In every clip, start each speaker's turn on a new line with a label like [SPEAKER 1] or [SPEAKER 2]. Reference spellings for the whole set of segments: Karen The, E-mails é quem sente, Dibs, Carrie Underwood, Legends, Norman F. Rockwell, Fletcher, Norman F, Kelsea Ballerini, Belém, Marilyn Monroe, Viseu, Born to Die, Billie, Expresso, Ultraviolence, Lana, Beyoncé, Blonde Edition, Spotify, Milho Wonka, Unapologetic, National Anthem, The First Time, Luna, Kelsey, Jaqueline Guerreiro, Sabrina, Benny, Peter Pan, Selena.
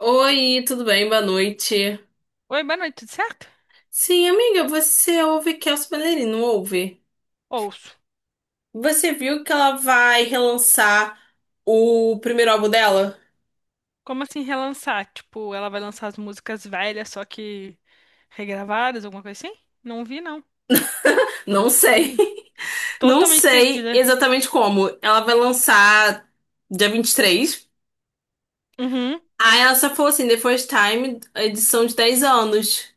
[SPEAKER 1] Oi, tudo bem? Boa noite.
[SPEAKER 2] Oi, boa noite, tudo certo?
[SPEAKER 1] Sim, amiga, você ouve Kelsea Ballerini, não ouve?
[SPEAKER 2] Ouço.
[SPEAKER 1] Você viu que ela vai relançar o primeiro álbum dela?
[SPEAKER 2] Como assim relançar? Tipo, ela vai lançar as músicas velhas, só que regravadas, alguma coisa assim? Não vi, não.
[SPEAKER 1] Não sei. Não
[SPEAKER 2] Totalmente
[SPEAKER 1] sei
[SPEAKER 2] perdida.
[SPEAKER 1] exatamente como. Ela vai lançar dia 23.
[SPEAKER 2] Uhum,
[SPEAKER 1] Aí ela só falou assim, The First Time, edição de 10 anos.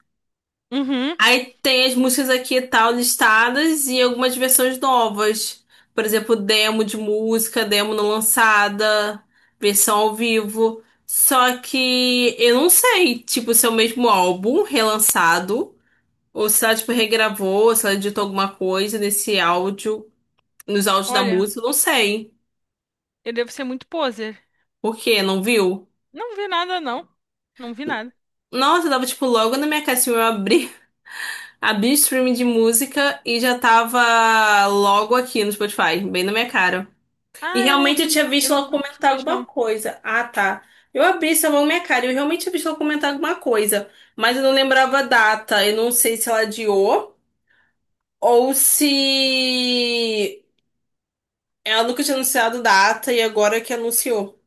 [SPEAKER 2] uhum.
[SPEAKER 1] Aí tem as músicas aqui e tal listadas e algumas versões novas. Por exemplo, demo de música, demo não lançada, versão ao vivo. Só que eu não sei, tipo, se é o mesmo álbum relançado, ou se ela, tipo, regravou, ou se ela editou alguma coisa nesse áudio, nos áudios da
[SPEAKER 2] Olha,
[SPEAKER 1] música, eu não sei.
[SPEAKER 2] eu devo ser muito poser.
[SPEAKER 1] Por quê? Não viu?
[SPEAKER 2] Não vi nada, não. Não vi nada.
[SPEAKER 1] Nossa, eu tava, tipo, logo na minha caixinha, eu abri, abri o streaming de música e já tava logo aqui no Spotify, bem na minha cara. E
[SPEAKER 2] Ah, eu não
[SPEAKER 1] realmente
[SPEAKER 2] ouvi,
[SPEAKER 1] eu tinha
[SPEAKER 2] eu
[SPEAKER 1] visto
[SPEAKER 2] não
[SPEAKER 1] ela
[SPEAKER 2] ouvi música
[SPEAKER 1] comentar
[SPEAKER 2] hoje,
[SPEAKER 1] alguma
[SPEAKER 2] não.
[SPEAKER 1] coisa. Ah, tá. Eu abri essa mão minha cara. Eu realmente tinha visto ela comentar alguma coisa. Mas eu não lembrava a data. Eu não sei se ela adiou ou se ela nunca tinha anunciado data e agora que anunciou.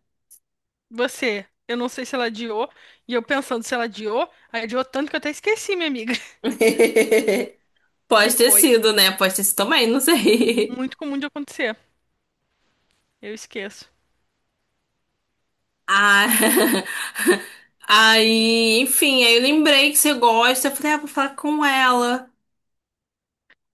[SPEAKER 2] Você, eu não sei se ela adiou, e eu pensando se ela adiou, aí adiou tanto que eu até esqueci, minha amiga. Que
[SPEAKER 1] Pode ter
[SPEAKER 2] coisa.
[SPEAKER 1] sido, né? Pode ter sido também, não sei.
[SPEAKER 2] Muito comum de acontecer. Eu esqueço.
[SPEAKER 1] Ah, aí, enfim, aí eu lembrei que você gosta. Eu falei, ah, vou falar com ela.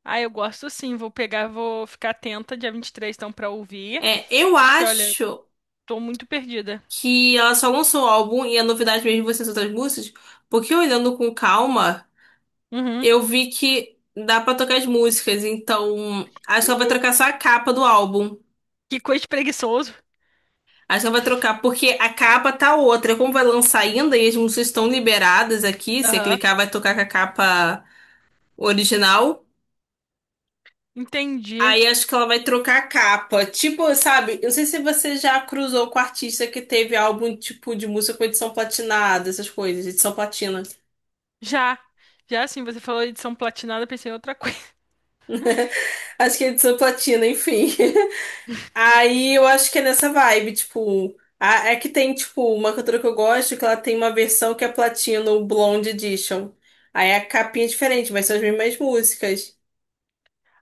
[SPEAKER 2] Ah, eu gosto sim. Vou pegar, vou ficar atenta dia 23, então, pra ouvir.
[SPEAKER 1] É, eu
[SPEAKER 2] Que olha,
[SPEAKER 1] acho
[SPEAKER 2] tô muito perdida.
[SPEAKER 1] que ela só lançou o álbum e a novidade mesmo vai ser as outras músicas, porque olhando com calma,
[SPEAKER 2] Uhum.
[SPEAKER 1] eu vi que dá pra trocar as músicas, então acho que ela vai trocar só a capa do álbum.
[SPEAKER 2] Que coisa de preguiçoso.
[SPEAKER 1] Acho que ela vai trocar, porque a capa tá outra. Como vai lançar ainda e as músicas estão liberadas aqui, se
[SPEAKER 2] Aham.
[SPEAKER 1] clicar vai tocar com a capa original.
[SPEAKER 2] Entendi.
[SPEAKER 1] Aí acho que ela vai trocar a capa. Tipo, sabe, eu não sei se você já cruzou com artista que teve álbum tipo de música com edição platinada, essas coisas, edição platina.
[SPEAKER 2] Já. Já assim, você falou edição platinada, pensei em outra coisa.
[SPEAKER 1] Acho que é edição platina, enfim. Aí eu acho que é nessa vibe, tipo. É que tem, tipo, uma cantora que eu gosto que ela tem uma versão que é platina, o Blonde Edition. Aí a capinha é diferente, mas são as mesmas músicas.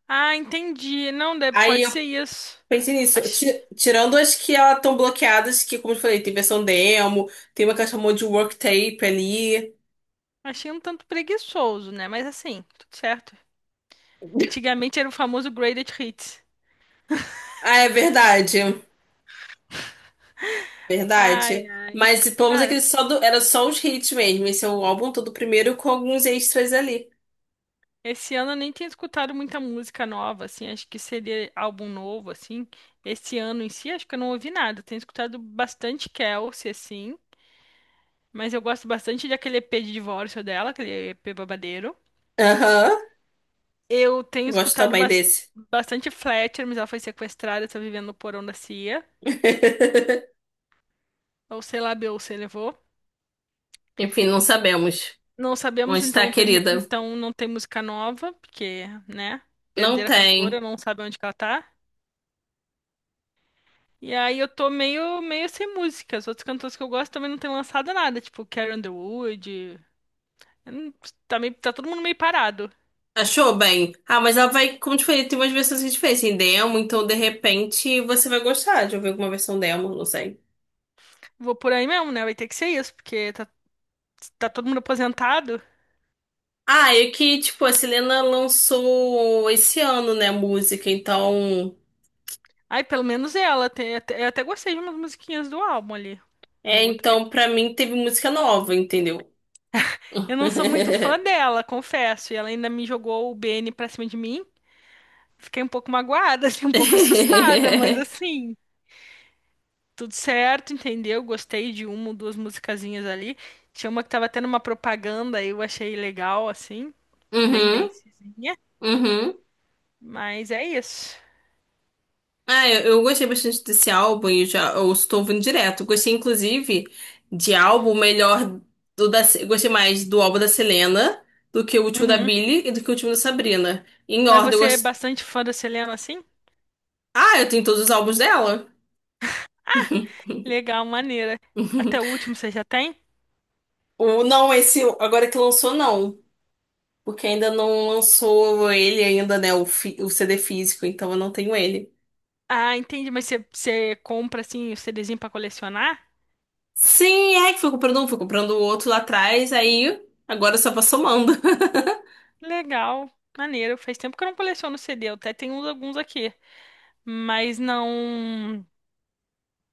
[SPEAKER 2] Ah, entendi. Não,
[SPEAKER 1] Aí
[SPEAKER 2] pode
[SPEAKER 1] eu
[SPEAKER 2] ser isso.
[SPEAKER 1] pensei nisso.
[SPEAKER 2] Ach-
[SPEAKER 1] Tirando as que elas estão bloqueadas, que, como eu falei, tem versão demo, tem uma que ela chamou de work tape ali.
[SPEAKER 2] Achei um tanto preguiçoso, né? Mas assim, tudo certo. Antigamente era o famoso Greatest Hits.
[SPEAKER 1] Ah, é verdade.
[SPEAKER 2] Ai,
[SPEAKER 1] Verdade. Mas pelo menos
[SPEAKER 2] cara.
[SPEAKER 1] aquele só do- era só os hits mesmo. Esse é o álbum todo primeiro com alguns extras ali.
[SPEAKER 2] Esse ano eu nem tenho escutado muita música nova, assim, acho que seria álbum novo, assim. Esse ano em si, acho que eu não ouvi nada. Eu tenho escutado bastante Kelsey, assim, mas eu gosto bastante daquele EP de divórcio dela, aquele EP babadeiro.
[SPEAKER 1] Aham,
[SPEAKER 2] Eu tenho
[SPEAKER 1] gosto
[SPEAKER 2] escutado
[SPEAKER 1] também desse.
[SPEAKER 2] bastante Fletcher, mas ela foi sequestrada, está vivendo no porão da CIA. Ou sei lá, Beyoncé levou.
[SPEAKER 1] Enfim, não sabemos
[SPEAKER 2] Não
[SPEAKER 1] onde
[SPEAKER 2] sabemos,
[SPEAKER 1] está
[SPEAKER 2] então
[SPEAKER 1] a
[SPEAKER 2] não tem,
[SPEAKER 1] querida.
[SPEAKER 2] então não tem música nova, porque, né,
[SPEAKER 1] Não
[SPEAKER 2] perder a cantora,
[SPEAKER 1] tem.
[SPEAKER 2] não sabe onde que ela tá. E aí eu tô meio sem música. Os outros cantores que eu gosto também não têm lançado nada, tipo Carrie Underwood. Eu não- Tá, meio, tá todo mundo meio parado.
[SPEAKER 1] Achou bem. Ah, mas ela vai, como te falei, tem umas versões que a gente fez em demo, então de repente você vai gostar de ouvir alguma versão demo, não sei.
[SPEAKER 2] Vou por aí mesmo, né? Vai ter que ser isso, porque tá todo mundo aposentado.
[SPEAKER 1] Ah, e que, tipo, a Selena lançou esse ano, né, música, então.
[SPEAKER 2] Ai, pelo menos ela. Tem, eu até gostei de umas musiquinhas do álbum ali. Uma
[SPEAKER 1] É,
[SPEAKER 2] ou outra.
[SPEAKER 1] então pra mim teve música nova, entendeu?
[SPEAKER 2] Eu não sou muito fã dela, confesso. E ela ainda me jogou o Benny pra cima de mim. Fiquei um pouco magoada, assim, um pouco assustada, mas assim. Tudo certo, entendeu? Gostei de uma ou duas musicazinhas ali. Tinha uma que tava tendo uma propaganda eu achei legal, assim, bem
[SPEAKER 1] Uhum,
[SPEAKER 2] dancezinha.
[SPEAKER 1] uhum.
[SPEAKER 2] Mas é isso.
[SPEAKER 1] Ah, eu gostei bastante desse álbum e já eu estou ouvindo direto. Gostei, inclusive, de álbum melhor do da, gostei mais do álbum da Selena do que o último da
[SPEAKER 2] Uhum.
[SPEAKER 1] Billie e do que o último da Sabrina. Em
[SPEAKER 2] Mas
[SPEAKER 1] ordem, eu
[SPEAKER 2] você é
[SPEAKER 1] gostei.
[SPEAKER 2] bastante fã da Selena, assim?
[SPEAKER 1] Ah, eu tenho todos os álbuns dela.
[SPEAKER 2] Legal, maneira. Até o último você já tem?
[SPEAKER 1] O, não, esse agora que lançou, não. Porque ainda não lançou ele ainda, né? O CD físico, então eu não tenho ele.
[SPEAKER 2] Ah, entendi. Mas você compra, assim, o CDzinho pra colecionar?
[SPEAKER 1] Sim, é que fui comprando um, fui comprando o outro lá atrás, aí agora só vou somando.
[SPEAKER 2] Legal, maneiro. Faz tempo que eu não coleciono CD. Eu até tenho alguns aqui. Mas não.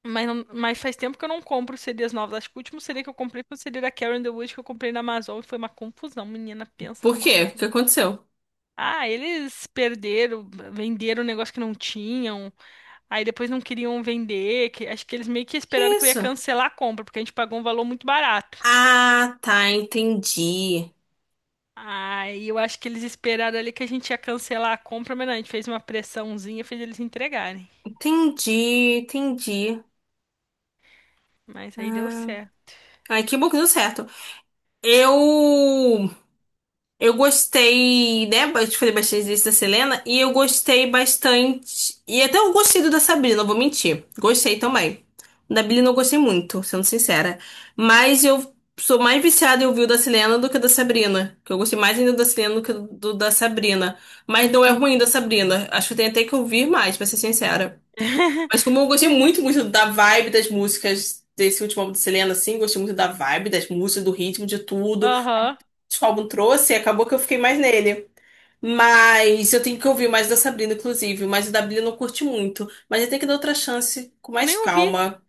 [SPEAKER 2] Mas, não- mas faz tempo que eu não compro CDs novos. Acho que o último CD que eu comprei foi o CD da Karen The que eu comprei na Amazon e foi uma confusão. Menina, pensa
[SPEAKER 1] Por
[SPEAKER 2] numa
[SPEAKER 1] quê? O que
[SPEAKER 2] confusão.
[SPEAKER 1] aconteceu?
[SPEAKER 2] Ah, eles perderam, venderam um negócio que não tinham. Aí depois não queriam vender. Acho que eles meio que
[SPEAKER 1] Que
[SPEAKER 2] esperaram que eu ia
[SPEAKER 1] isso?
[SPEAKER 2] cancelar a compra, porque a gente pagou um valor muito barato.
[SPEAKER 1] Ah, tá, entendi.
[SPEAKER 2] Aí eu acho que eles esperaram ali que a gente ia cancelar a compra, mas não, a gente fez uma pressãozinha, fez eles entregarem.
[SPEAKER 1] Entendi, entendi.
[SPEAKER 2] Mas aí deu
[SPEAKER 1] Ah,
[SPEAKER 2] certo.
[SPEAKER 1] ai, que bom que deu certo. Eu eu gostei, né? Eu te falei bastante disso da Selena e eu gostei bastante. E até eu gostei do da Sabrina, não vou mentir. Gostei também. O da Billie não gostei muito, sendo sincera. Mas eu sou mais viciada em ouvir o da Selena do que o da Sabrina. Que eu gostei mais ainda do da Selena do que do da Sabrina. Mas não é ruim
[SPEAKER 2] Entendi,
[SPEAKER 1] da
[SPEAKER 2] sim.
[SPEAKER 1] Sabrina. Acho que eu tenho até que ouvir mais, pra ser sincera. Mas como eu gostei muito, muito da vibe das músicas desse último álbum de Selena, assim, gostei muito da vibe das músicas, do ritmo, de tudo
[SPEAKER 2] Aham.
[SPEAKER 1] que o álbum trouxe, acabou que eu fiquei mais nele. Mas eu tenho que ouvir mais da Sabrina, inclusive, mas o da Billie eu não curti muito. Mas eu tenho que dar outra chance com
[SPEAKER 2] Eu
[SPEAKER 1] mais
[SPEAKER 2] nem ouvi.
[SPEAKER 1] calma.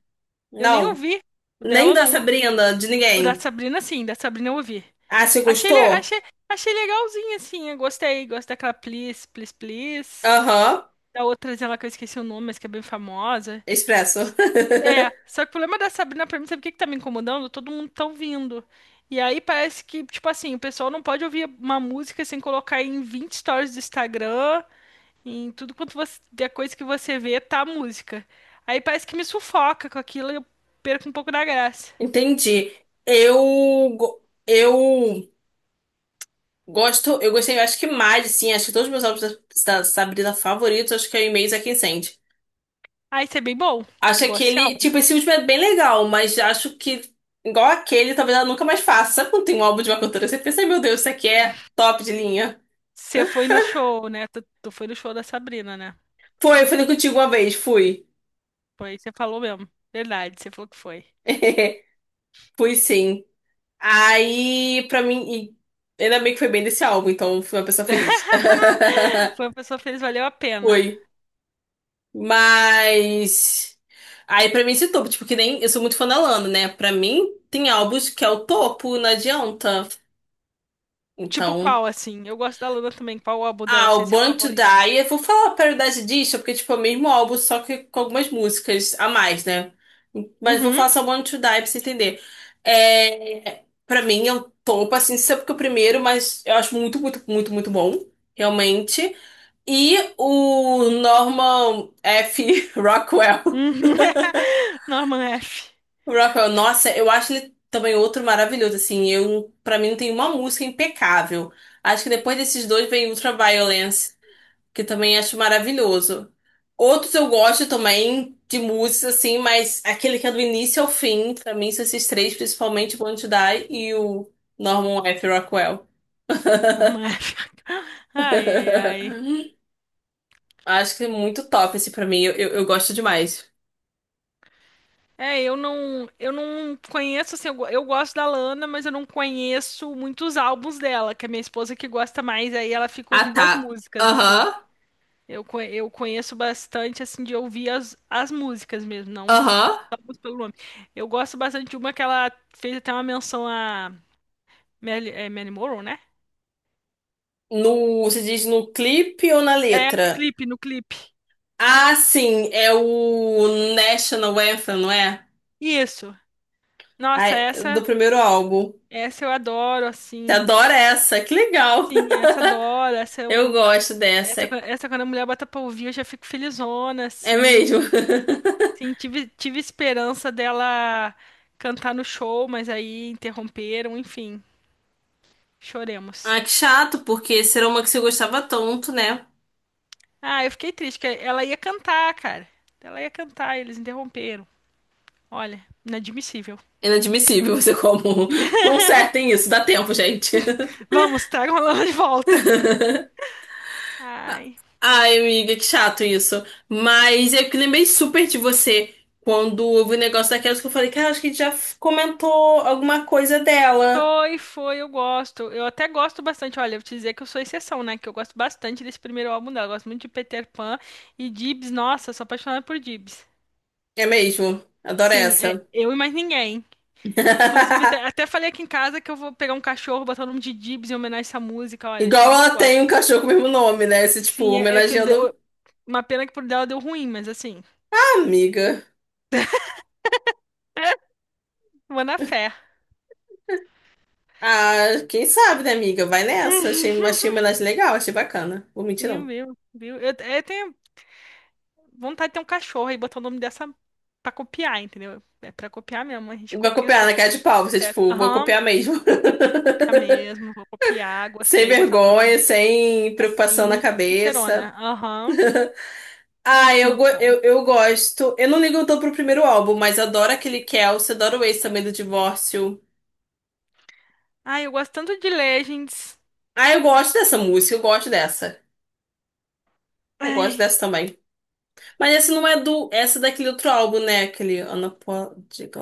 [SPEAKER 2] Eu nem
[SPEAKER 1] Não,
[SPEAKER 2] ouvi. O
[SPEAKER 1] nem
[SPEAKER 2] dela
[SPEAKER 1] da
[SPEAKER 2] não.
[SPEAKER 1] Sabrina, de
[SPEAKER 2] O da
[SPEAKER 1] ninguém.
[SPEAKER 2] Sabrina, sim, da Sabrina eu ouvi.
[SPEAKER 1] Ah, você
[SPEAKER 2] Achei, le-
[SPEAKER 1] gostou?
[SPEAKER 2] achei, achei legalzinho, assim. Eu gostei. Gosto daquela Please, Please, Please.
[SPEAKER 1] Aham,
[SPEAKER 2] Da outra ela que eu esqueci o nome, mas que é bem famosa.
[SPEAKER 1] Expresso.
[SPEAKER 2] É, só que o problema da Sabrina pra mim, sabe o que que tá me incomodando? Todo mundo tá ouvindo. E aí parece que, tipo assim, o pessoal não pode ouvir uma música sem colocar em 20 stories do Instagram, em tudo quanto você, a coisa que você vê, tá a música. Aí parece que me sufoca com aquilo e eu perco um pouco da graça.
[SPEAKER 1] Entendi. Eu, go- eu gosto, eu gostei, acho que mais, assim, acho que todos os meus álbuns da Sabrina favoritos, acho que é o E-mails é quem sente.
[SPEAKER 2] Ah, isso é bem bom.
[SPEAKER 1] Acho
[SPEAKER 2] Igual esse
[SPEAKER 1] aquele,
[SPEAKER 2] álbum.
[SPEAKER 1] tipo, esse último é bem legal, mas acho que, igual aquele, talvez ela nunca mais faça. Sabe quando tem um álbum de uma cantora, você pensa, "Ai, meu Deus, isso aqui é top de linha."
[SPEAKER 2] Você foi no show, né? Tu foi no show da Sabrina, né?
[SPEAKER 1] Foi, eu falei contigo uma vez, fui.
[SPEAKER 2] Foi, você falou mesmo. Verdade, você falou que foi.
[SPEAKER 1] Fui sim. Aí, pra mim, e ainda bem que foi bem desse álbum, então fui uma pessoa feliz.
[SPEAKER 2] Foi uma pessoa feliz, valeu a pena.
[SPEAKER 1] Foi. Mas aí pra mim esse topo, tipo, que nem eu sou muito fã da Lana, né? Pra mim tem álbuns que é o topo, não adianta.
[SPEAKER 2] Tipo
[SPEAKER 1] Então,
[SPEAKER 2] qual, assim? Eu gosto da Luna também. Qual o álbum dela,
[SPEAKER 1] ah,
[SPEAKER 2] assim,
[SPEAKER 1] o
[SPEAKER 2] é seu
[SPEAKER 1] Born to
[SPEAKER 2] favorito?
[SPEAKER 1] Die, eu vou falar a paridade disso, porque tipo é o mesmo álbum, só que com algumas músicas a mais, né? Mas vou
[SPEAKER 2] Uhum.
[SPEAKER 1] falar só Born to Die pra você entender. É, para mim é o topo, assim, isso é porque é o primeiro, mas eu acho muito, muito, muito, muito bom, realmente. E o Norman F. Rockwell.
[SPEAKER 2] Uhum. Norman F.
[SPEAKER 1] O Rockwell, nossa, eu acho ele também outro maravilhoso, assim, eu, pra mim não tem uma música impecável. Acho que depois desses dois vem Ultraviolence, que também acho maravilhoso. Outros eu gosto também de músicas, assim, mas aquele que é do início ao fim, pra mim são esses três, principalmente o Want to Die e o Norman F. Rockwell.
[SPEAKER 2] Norman F. Ai, ai, ai.
[SPEAKER 1] Acho que é muito top esse pra mim, eu gosto demais.
[SPEAKER 2] É, eu não conheço, assim, eu gosto da Lana, mas eu não conheço muitos álbuns dela, que a minha esposa que gosta mais, aí ela fica
[SPEAKER 1] Ah,
[SPEAKER 2] ouvindo as
[SPEAKER 1] tá.
[SPEAKER 2] músicas, assim.
[SPEAKER 1] Aham,
[SPEAKER 2] Eu conheço bastante, assim, de ouvir as músicas mesmo, não
[SPEAKER 1] aham.
[SPEAKER 2] a música pelo nome. Eu gosto bastante de uma que ela fez até uma menção a Marilyn Monroe, né?
[SPEAKER 1] No, você diz no clipe ou na
[SPEAKER 2] É, no
[SPEAKER 1] letra?
[SPEAKER 2] clipe, no clipe.
[SPEAKER 1] Ah, sim, é o National Anthem, não é?
[SPEAKER 2] Isso. Nossa,
[SPEAKER 1] Ai, do
[SPEAKER 2] essa,
[SPEAKER 1] primeiro álbum.
[SPEAKER 2] essa eu adoro,
[SPEAKER 1] Você
[SPEAKER 2] assim.
[SPEAKER 1] adora essa, que legal.
[SPEAKER 2] Sim, essa eu adoro, essa
[SPEAKER 1] Eu
[SPEAKER 2] eu...
[SPEAKER 1] gosto dessa.
[SPEAKER 2] Essa quando a mulher bota pra ouvir, eu já fico felizona,
[SPEAKER 1] É
[SPEAKER 2] assim.
[SPEAKER 1] mesmo?
[SPEAKER 2] Sim, tive esperança dela cantar no show, mas aí interromperam, enfim. Choremos.
[SPEAKER 1] Ah, que chato, porque será uma que você gostava tanto, né?
[SPEAKER 2] Ah, eu fiquei triste, que ela ia cantar, cara. Ela ia cantar, e eles interromperam. Olha, inadmissível.
[SPEAKER 1] Inadmissível você como. Consertem isso, dá tempo, gente.
[SPEAKER 2] Vamos, tragam ela de volta. Ai.
[SPEAKER 1] Ai, amiga, que chato isso. Mas eu que lembrei super de você quando houve o negócio daquelas que eu falei, cara, acho que a gente já comentou alguma coisa dela.
[SPEAKER 2] Foi, foi, eu gosto. Eu até gosto bastante. Olha, eu vou te dizer que eu sou exceção, né? Que eu gosto bastante desse primeiro álbum dela. Eu gosto muito de Peter Pan e Dibs. Nossa, sou apaixonada por Dibs.
[SPEAKER 1] É mesmo, adoro
[SPEAKER 2] Sim, é
[SPEAKER 1] essa.
[SPEAKER 2] eu e mais ninguém. Inclusive, até falei aqui em casa que eu vou pegar um cachorro, botar o nome de Dibs em homenagem a essa música. Olha,
[SPEAKER 1] Igual
[SPEAKER 2] de tanto que eu
[SPEAKER 1] ela
[SPEAKER 2] gosto.
[SPEAKER 1] tem um cachorro com o mesmo nome, né? Esse, tipo,
[SPEAKER 2] Sim, é que eu,
[SPEAKER 1] homenageando
[SPEAKER 2] uma pena que por dela deu ruim, mas assim,
[SPEAKER 1] a amiga.
[SPEAKER 2] vou na fé.
[SPEAKER 1] Ah, quem sabe, né, amiga? Vai nessa. Achei, achei uma homenagem legal, achei bacana. Vou mentir,
[SPEAKER 2] Viu,
[SPEAKER 1] não.
[SPEAKER 2] viu, viu? Eu tenho vontade de ter um cachorro e botar o nome dessa pra copiar, entendeu? É pra copiar mesmo, a gente
[SPEAKER 1] E vai
[SPEAKER 2] copia os
[SPEAKER 1] copiar na
[SPEAKER 2] cantos
[SPEAKER 1] cara de pau, você,
[SPEAKER 2] certo.
[SPEAKER 1] tipo, vou
[SPEAKER 2] Aham,
[SPEAKER 1] copiar mesmo.
[SPEAKER 2] vou copiar mesmo, vou copiar,
[SPEAKER 1] Sem
[SPEAKER 2] gostei, botar o nome da
[SPEAKER 1] vergonha,
[SPEAKER 2] música
[SPEAKER 1] sem preocupação na
[SPEAKER 2] assim, sincerona.
[SPEAKER 1] cabeça.
[SPEAKER 2] Aham,
[SPEAKER 1] Ah, eu, go-
[SPEAKER 2] então.
[SPEAKER 1] eu, eu gosto. Eu não ligo tanto pro primeiro álbum, mas adoro aquele Kelsey, adoro o Ace também do Divórcio.
[SPEAKER 2] Ai, eu gosto tanto de Legends.
[SPEAKER 1] Ah, eu gosto dessa música, eu gosto dessa. Eu gosto
[SPEAKER 2] Ai,
[SPEAKER 1] dessa também. Mas essa não é do. Essa é daquele outro álbum, né? Aquele Unapologetic.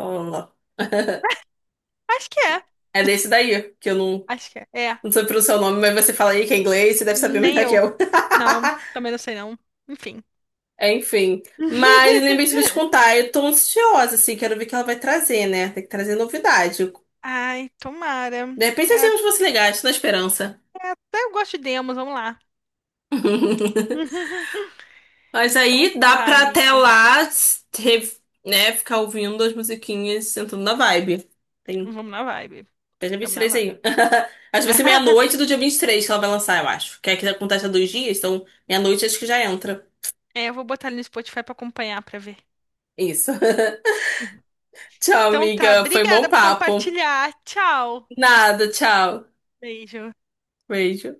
[SPEAKER 2] acho que é,
[SPEAKER 1] É desse daí, que eu não,
[SPEAKER 2] acho que é. É,
[SPEAKER 1] não sei pronunciar o nome, mas você fala aí que é inglês, você deve saber
[SPEAKER 2] nem
[SPEAKER 1] melhor que
[SPEAKER 2] eu.
[SPEAKER 1] eu.
[SPEAKER 2] Não, também não sei não. Enfim.
[SPEAKER 1] Enfim. Mas lembrei de te contar, eu tô ansiosa, assim, quero ver o que ela vai trazer, né? Tem que trazer novidade.
[SPEAKER 2] Ai, tomara.
[SPEAKER 1] De repente,
[SPEAKER 2] É,
[SPEAKER 1] nós
[SPEAKER 2] até,
[SPEAKER 1] temos você legal, estou na esperança.
[SPEAKER 2] até eu gosto de demos, vamos lá.
[SPEAKER 1] Mas
[SPEAKER 2] Então
[SPEAKER 1] aí dá
[SPEAKER 2] tá,
[SPEAKER 1] pra
[SPEAKER 2] amiga.
[SPEAKER 1] até lá, re- né, ficar ouvindo as musiquinhas, sentando na vibe. Tem
[SPEAKER 2] Vamos na vibe.
[SPEAKER 1] até dia vinte e
[SPEAKER 2] Vamos na
[SPEAKER 1] três
[SPEAKER 2] vibe.
[SPEAKER 1] aí. Acho que vai ser meia-noite do dia 23 que ela vai lançar, eu acho. Que é que acontece há 2 dias, então meia-noite acho que já entra.
[SPEAKER 2] É, eu vou botar ali no Spotify pra acompanhar, pra ver.
[SPEAKER 1] Isso. Tchau,
[SPEAKER 2] Então tá,
[SPEAKER 1] amiga. Foi bom
[SPEAKER 2] obrigada por
[SPEAKER 1] papo.
[SPEAKER 2] compartilhar. Tchau.
[SPEAKER 1] Nada, tchau.
[SPEAKER 2] Beijo.
[SPEAKER 1] Beijo.